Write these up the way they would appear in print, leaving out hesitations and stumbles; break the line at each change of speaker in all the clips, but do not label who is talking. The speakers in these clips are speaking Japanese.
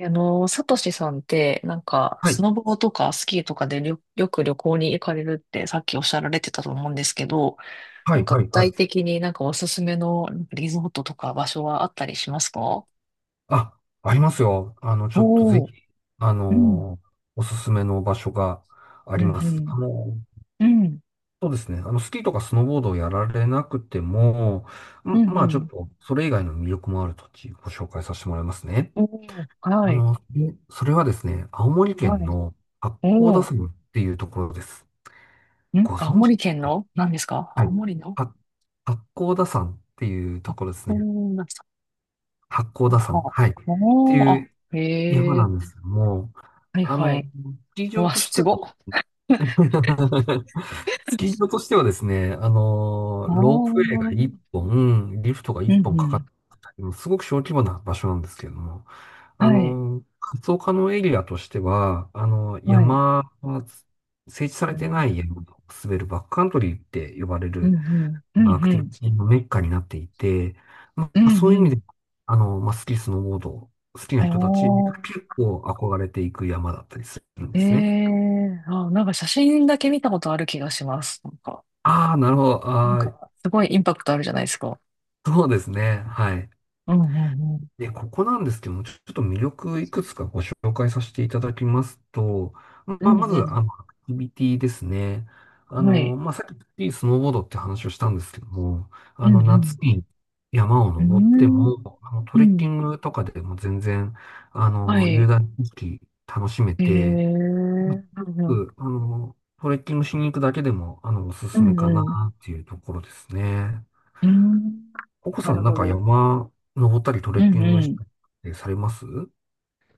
サトシさんって、
はい、
スノボとかスキーとかでりょよく旅行に行かれるってさっきおっしゃられてたと思うんですけど、
はい、は
具
い、は
体
い。
的におすすめのリゾートとか場所はあったりしますか？
あ、ありますよ。ちょっとぜ
おー、
ひ、あ
うん、
のーおすすめの場所があ
う
ります。
ん、うん、うん、
そうですね。スキーとかスノーボードをやられなくても、
う
ん
ん、う
まあ、ちょっ
ん。
と、それ以外の魅力もある土地、ご紹介させてもらいますね。
おー、はい、
でそれはですね、青森
は
県
い。
の八甲田
おー、
山っていうところです。
ん
ご
青
存知で
森
す
県
ね。
の何ですか？
は
青
い。
森の、
は八甲田山っていうと
あ、
ころですね。
おー、なんですか？
八甲田山。
あ、
はい。って
おー、
い
あ、
う、山
へ
な
え、
んですよ。もう、
はい、
あ
は
の、
い。
スキー
う
場
わ、
とし
す
ては
ごっ。
スキー 場としてはですね、
あ
ロープウェイ
あ、
が1本、リフトが
う
1
ん
本か
う
かっ
ん。
たりも、すごく小規模な場所なんですけれども、
はい。
活動可能エリアとしては、
はい。
山、整地さ
う
れてない
ん。
山を滑るバックカントリーって呼ばれ
うん
る
うん。うん
アク
う
ティビ
ん。
ティのメッカになっていて、ま
う
あ、
ん
そうい
う
う意味
ん。
で、まあ、スキー、スノーボード、好きな人たち、
おー。
結構憧れていく山だったりするんで
え
すね。
えー。あ、写真だけ見たことある気がします。
ああ、なるほど。ああ、
すごいインパクトあるじゃないですか。
そうですね。はい。
うんうんうん。
で、ここなんですけども、ちょっと魅力いくつかご紹介させていただきますと、ま
う
あ、
ん
まず、
う
アクティビティですね。
ん。はい。
まあ、さっきスノーボードって話をしたんですけども、
うんう
夏
ん。
に山を
うー
登って
ん。
も、ト
う
レッキ
ん。
ングとかでも全然、
は
雄
い。
大な景色楽しめ
ええー。
て、
うんう
う
ん。
んあの、トレッキングしに行くだけでも、おす
う
すめ
ん
か
う
な
ん。う
っていうところですね。
ーん。
ココ
な
さ
る
ん、なん
ほ
か
ど。
山登ったりトレ
う
ッキ
ん
ン
う
グし
ん。
たりってされます？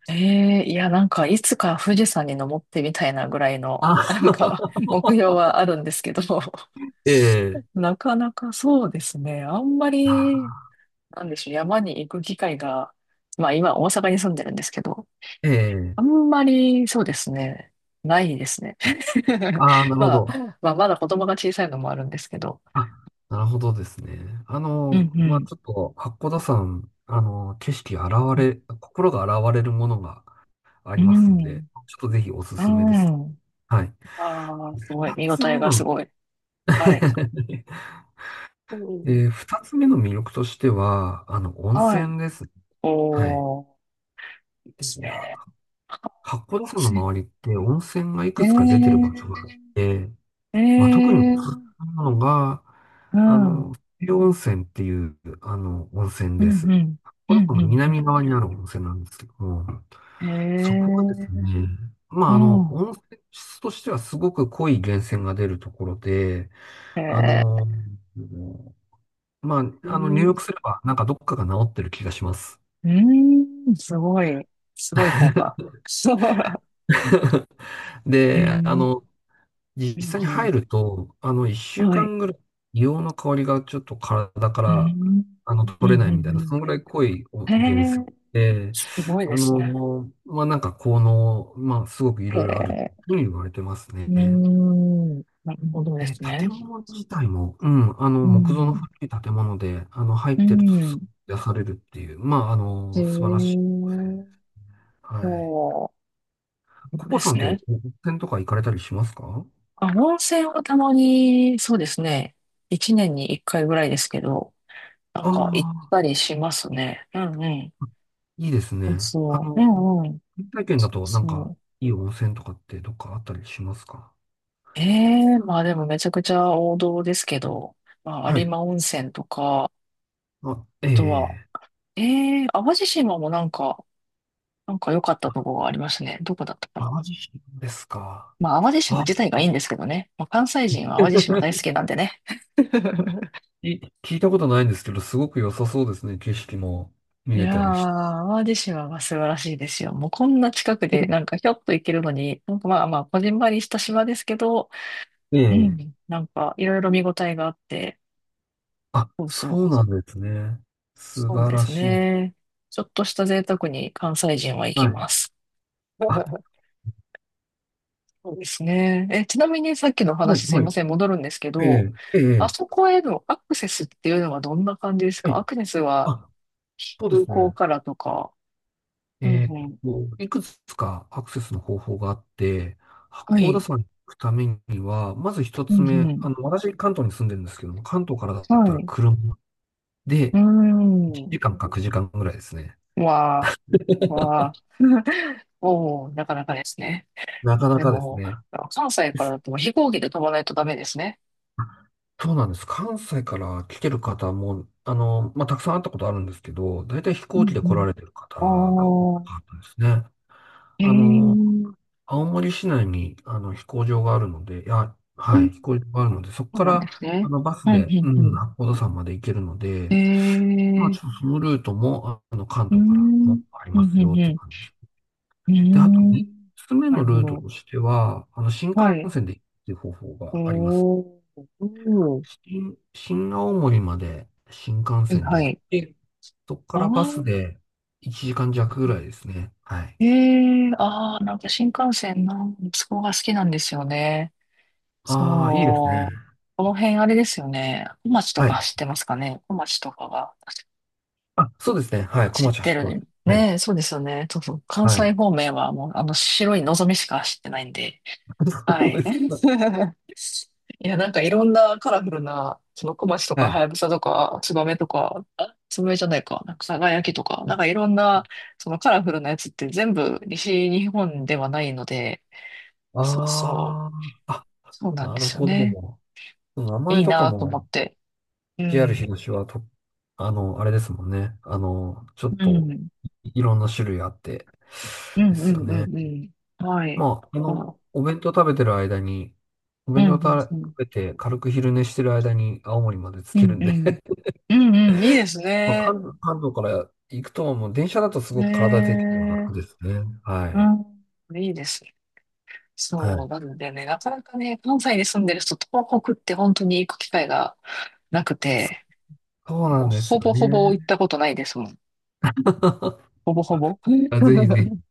ええいや、いつか富士山に登ってみたいなぐらいの、
あ、
目標はあるんですけど、
ええ、
なかなかそうですね。あんまり、
あ
なんでしょう、山に行く機会が、まあ今、大阪に住んでるんですけど、
ええ、
あんまり、そうですね、ないですね。
ああ、な るほ
まあ、
ど。
まあ、まだ子供が小さいのもあるんですけど、
あ、なるほどですね。
うんう
まあ、
ん。
ちょっと、八甲田山、あの、景色現れ、心が現れるものがあ
う
りますん
ん。
で、ちょっとぜひおす
う
すめです。
ん。
はい。
ああ、すごい。
二
見応
つ
え
目
がす
の
ごい。はい。う
で、
ん
二つ目の魅力としては、温
はい。
泉ですね。はい。
おー。で
で、
す
いや、
ね。
八甲田山の周りって温泉がい
え
くつか出てる場所が
え、
あって、
え
まあ、特におすす
ー
めなのが、
う
あ
ん、
の、西温泉っていう、温泉
うん、
で
うん、
す。
うん、う
こ
ん、
の
う
南
ん。
側にある温泉なんですけども、
え
そこがです
え、
ね、ま
う
あ、
ん、
温泉質としてはすごく濃い源泉が出るところで、あ
ええ、
の、
う
入
ん、
浴すればなんかどっかが治ってる気がします。
うん、すごい、すごい効果。そう。ええ、う
で、
んう
実際に入
ん、
ると、一週
はい、
間ぐらい、硫黄の香りがちょっと体か
う
ら、
ん、う
取れな
ん、
い
う
みた
ん、
い
う
な、そのぐらい濃いお
ん。
源
え
泉
ー
で、
すごいですね。
まあ、なんか効能、まあ、すごくい
へ
ろいろある
え、
というふうに言われてます
う
ね。
ーん、なるほどで
で、
すね。
建物自体も、うん、
う
木造の
ん、
古い建物で、入っ
う
てるとす
ん、
ごく癒されるっていう、まあ、
へ
素晴らしい。
え、
はい。
そう、なるほど
コポ
で
さ
す
んっ
ね。
て、温泉とか行かれたりしますか？
あ、温泉はたまに、そうですね。一年に一回ぐらいですけど、行っ
ああ、
たりしますね。うんうん。
いいです
そう
ね。
そう。うんうん。
原体験
そ
だ
う
となんか、
そう。
いい温泉とかってどっかあったりしますか？
ええまあでもめちゃくちゃ王道ですけど、まあ、
は
有
い。
馬温泉とか、あ
あ、
とは、
ええ、
ええ淡路島も良かったとこがありましたね。どこだったかな。
淡路島ですか？
まあ淡路島
あ、
自体がいいんですけどね。まあ、関西人は淡路島大好き なんでね。
聞いたことないんですけど、すごく良さそうですね。景色も見
い
れ
や
たりし て。
ー、淡路島は素晴らしいですよ。もうこんな近くで、ひょっと行けるのに、まあまあ、こじんまりした島ですけど、う
ええ、
ん、いろいろ見応えがあって、
あ、
そうそ
そう
う、
なんですね。素
そう
晴
で
ら
す
しい。
ね。ちょっとした贅沢に関西人は行
は
き
い。
ます。
あ、
そうですね。え、ちなみにさっきのお
はい、
話すい
は
ま
い。
せん、戻るんですけど、
えええ
あ
え
そこへのアクセスっていうのはどんな感じです
は
か？
い。
アクセスは
あ、そうで
空
す
港
ね。
からとか。うん
えー
う
っ
ん。
いくつかアクセスの方法があって、八
は
甲田
い。
山に行くためには、まず一
う
つ
んう
目、
ん。
私、関東に住んでるんですけども、関東からだっ
は
たら
い。
車
う
で
ー
1
ん。
時間か9時間ぐらいですね。
わあ、わあ、おお、なかなかですね。
なかな
で
かです
も、
ね。
関西からだと飛行機で飛ばないとダメですね。
そうなんです。関西から来てる方も、まあ、たくさん会ったことあるんですけど、大体飛
う
行機
ん
で
う
来ら
ん。
れてる方が多か
おお、
ったですね。
へ
あ
え、う
の、
ん
青森市内に、飛行場があるので、いや、はい、飛行場があるので、そこ
そう
か
なんです
ら、
ね。
バス
うん、う
で、
ん、
う
う
ん、
ん。
八甲田山まで行けるの
へ
で、まあ、ち
え、
ょっとそのルートも、関
うん、う
東からも
ん、
あり
う
ますよ
ん、
っ
う
て
ん。
感じです。
う
で、あと
ん
3つ目
なる
の
ほ
ルート
ど。
としては、新
は
幹
い。
線で行くっていう方法があります。
おお。うん。
新青森まで新幹
はい、
線で
は
行っ
い。
て、そこか
あ
らバ
あ、
スで1時間弱ぐらいですね。はい。
へえ、ああ、新幹線の息子が好きなんですよね。
ああ、いいですね。
そう。この辺あれですよね。小町と
は
か
い。
走ってますかね。小町とかが
あ、そうですね。はい。小
走っ
町走
て
って
る。
ます。はい。
ねえ、そうですよね。そうそう。関
はい。
西方面はもうあの白いのぞみしか走ってないんで。は
そう
い。
ですか。
いや、いろんなカラフルな、その小町とか、
はい。
はやぶさとか、つばめとか、あ、つばめじゃないか、さがやきとか、いろんな、そのカラフルなやつって全部西日本ではないので、そうそう、
ああ、あ、
そうなん
な
で
る
すよ
ほ
ね。
ど。名
い
前
い
とか
なと
も
思って。う
JR
ん。
東はと、あれですもんね。ちょっ
う
と
ん。
いろんな種類あって、
う
で
んう
すよ
んう
ね。
んうん。はい。
まあ、
あ、
お
うん
弁当
うん
食
うん。
べて軽く昼寝してる間に青森まで着
う
け
ん
るん
う
で
ん。うんうん。いいです
まあ、
ね。
関東から行くと、もう電車だとす
へ
ごく体的には
え。
楽ですね。は
う
い。
ん。いいです。
は
そう。
い。
なのでね、なかなかね、関西に住んでる人、東北って本当に行く機会がなくて、
そうな
もう
んです
ほ
よ
ぼほ
ね。
ぼ行ったことないですもん。ほぼほぼ。
あ、ぜひ ぜひ。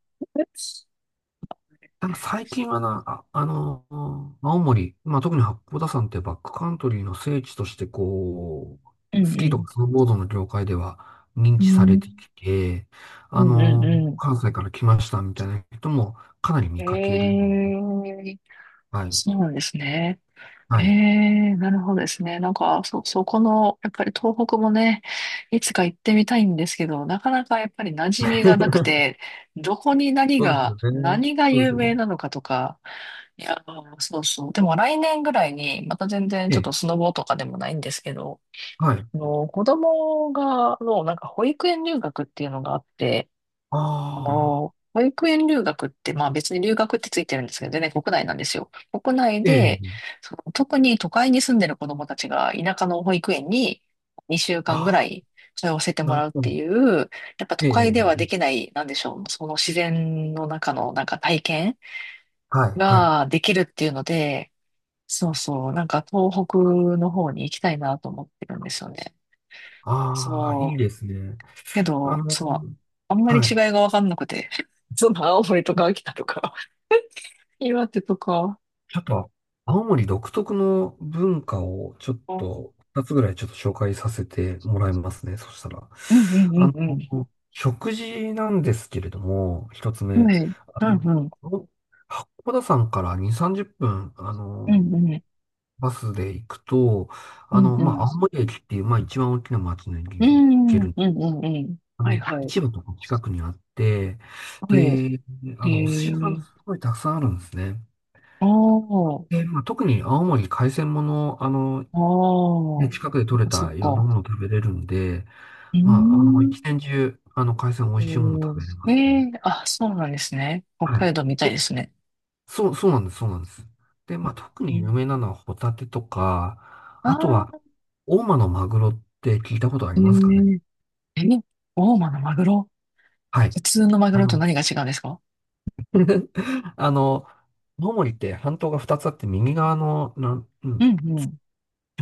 ただ最近はな、あ、青森、まあ、特に八甲田山ってバックカントリーの聖地として、こ
う
う、
ん
ス
う
キーと
ん。
かスノーボードの業界では認
う
知されて
ん。
きて、
うんうんう
関西から来ましたみたいな人もかなり
ん。
見かけるように。
ええ、
はい。
そうなんですね。え
はい。
え、なるほどですね。そこの、やっぱり東北もね、いつか行ってみたいんですけど、なかなかやっぱり馴染みがなく て、どこに何
そうです
が、
よね。
何が
そうで
有
すよ
名
ね。
なのかとか、いや、そうそう。でも来年ぐらいに、また全然
え
ちょっと
え。
スノボとかでもないんですけど、
はい。
子供が、の、なんか保育園留学っていうのがあって、あ
あ
の、
あ、
保育園留学って、まあ別に留学ってついてるんですけど、全然国内なんですよ。国内
え
で、
え。
その特に都会に住んでる子供たちが田舎の保育園に2週間ぐ
あ
ら
あ、
い通わせても
なる
らうっ
ほ
て
ど。
いう、やっぱ都
え
会では
え。
できない、なんでしょう、その自然の中の体験
はい。はい。
ができるっていうので、そうそう、東北の方に行きたいなと思ってるんですよね。
ああ、いい
そう。
ですね。
け
あ
ど、
の、
そう、あんまり
は
違い
い。
がわかんなくて、その青森とか秋田とか岩手とか。
ちょっと、青森独特の文化をちょっ
あー
と、二つぐらいちょっと紹介させてもらいますね。そしたら。
うんう
あ
んうん
食事なんですけれども、一つ
うん
目。
はい。
あ
うん。
の、八甲田山から2、30分、
うんうん。
バスで行くと、
うんうん。う
ま
んう
あ、
ん。
青森駅っていう、まあ、一番大きな町の駅
う
に行け
ん
る。
うんうん。はいはい。
市場とか近くにあって、
はい。
で、
へ
お寿司屋さんす
え。
ごいたくさんあるんですね。
ああ。
でまあ、特に青森海鮮もの、
ああ。そ
近くで
っ
取れ
かそっ
たいろんな
か。
ものを食べれるんで、
うー
まあ、一
ん。
年中、海鮮美味しいもの
お
食
ー
べれま
え
すね。
えあ、そうなんですね。北
はい。
海道みたいで
と、
すね。
そう、そうなんです、そうなんです。で、まあ、特
う
に有
ん、
名なのはホタテとか、
あ
あとは、
あ。
大間のマグロって聞いたことあ
え
りますかね？
ええ、大間のマグロ。
はい。
普通のマグ
あ
ロと
の、
何が違うんですか？
あの、青森って半島が2つあって、右側の、う
う
ん、
んうん。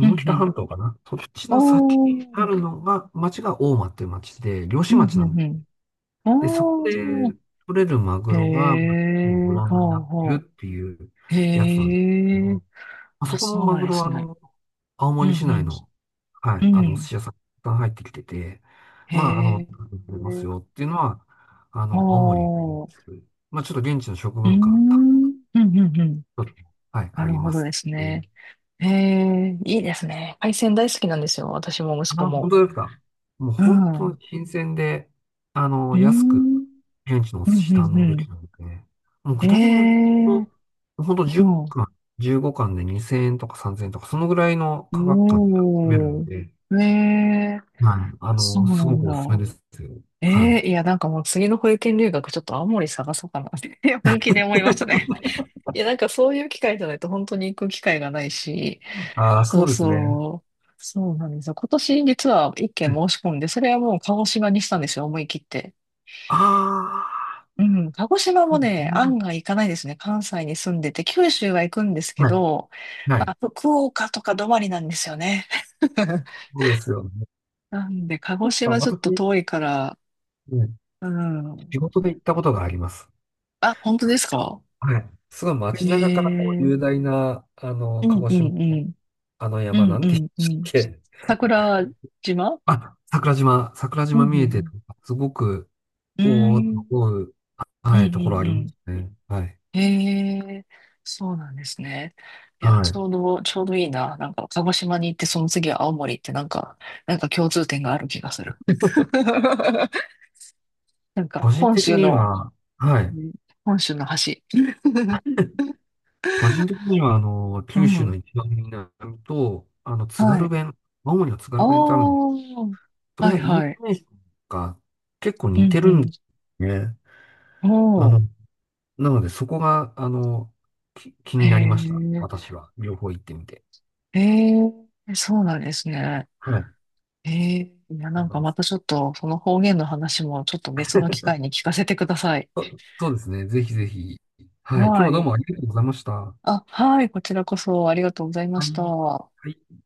うん
北
うん。
半島かな。そっちの先に
お
ある
ー。
のが、町が大間っていう町で、漁
う
師
ん
町な
う
んで
ん
す、
うん。
でそこ
お
で
ー。
取れるマグ
へ
ロが、まあのブ
え、
ランドに
ほ
な
う
って
ほ
るっていう
う。
やつなんですけど
へ
も、
え、
まあそ
あ、
この
そう
マ
なん
グ
で
ロは、
すね。
青
う
森市内
ん
の、は
う
い、
ん。う
お寿
ん。
司屋さんが入ってきてて、
へ
まあ、
え、
取れますよっていうのは、青森に、
ほう。
まあ、ちょっと現地の食
うーん。う
文化、
んうんうん。
はい、
な
あ
る
り
ほ
ま
ど
す
ですね。
ね。
へえ、いいですね。海鮮大好きなんですよ。私も息
あ、
子
本
も。
当ですか？もう
う
本
ん。
当に
う
新鮮で、
ー
安く、
ん。
現地のお
う
寿
ん
司堪能で
う
き
ん
るので、もう
う
具
ん。
体的に言う
へえ、
と、本当10
うん。
貫、15貫で2000円とか3000円とか、そのぐらいの価格感で楽しめる
お
の
ー。
で、
へえ、
はい、
そう
す
な
ご
ん
くおすすめ
だ。
ですよ。は
え
い。
えいや、なんかもう次の保育園留学ちょっと青森探そうかなって 本気で思いましたね。いや、そういう機会じゃないと本当に行く機会がないし、
ああ、
そ
そ
う
うですね。
そう、そうなんですよ。今年実は一件申し込んで、それはもう鹿児島にしたんですよ、思い切って。
あああ、
うん、鹿児島
そ
も
うで
ね、
すね。
案外行かないですね。関西に住んでて、九州は行くんですけ
はい。
ど、
は
ま
い。
あ、福岡とか止まりなんですよね。
そうですよね。
なんで、鹿児
そうか、
島ちょっと
私、
遠いから、
うん
うん。
仕事で行ったことがあります。
あ、本当ですか？
はい。すごい街中からこう
え
雄
え
大な、
う
鹿
ん
児
う
島
んう
の
ん。
あの
う
山、
ん
な
う
んて言う
ん
んで
う
したっ
ん。
け？
桜島
あ、桜島、桜
うんう
島
ん
見え
う
てる、
ん。
すごく、
う
おおと
ん。
思う、
うんう
はい、ところあ
んう
りま
ん。
すね。はい。
へえ、そうなんですね。いや、
は
ち
い。
ょうど、ちょうどいいな。なんか、鹿児島に行って、その次は青森ってなんか、なんか共通点がある気がする。なんか、
個人
本
的
州
に
の、
は、はい。
うん本州の橋
個人的には、
う
九州
ん。
の一番南と、津
は
軽
い。
弁、青森の津
あ
軽
あ、
弁ってあるんです。それ
はい
がイント
はい。
ネーションが結構
う
似てるんで
ん
すね。
うん。
あ
お
の、なので、そこが、気
ー、へ
になりました。
え。
私は。両方行ってみて。
ええ、そうなんですね。
はい。
ええ、いや、
そうなんで
ま
す。
たちょっと、その方言の話もちょっと別の機会に聞かせてください。
そうですね。ぜひぜひ。はい。今日
は
はどう
い。
もありがとうございました。は
あ、はい、こちらこそありがとうございまし
い。
た。
はい。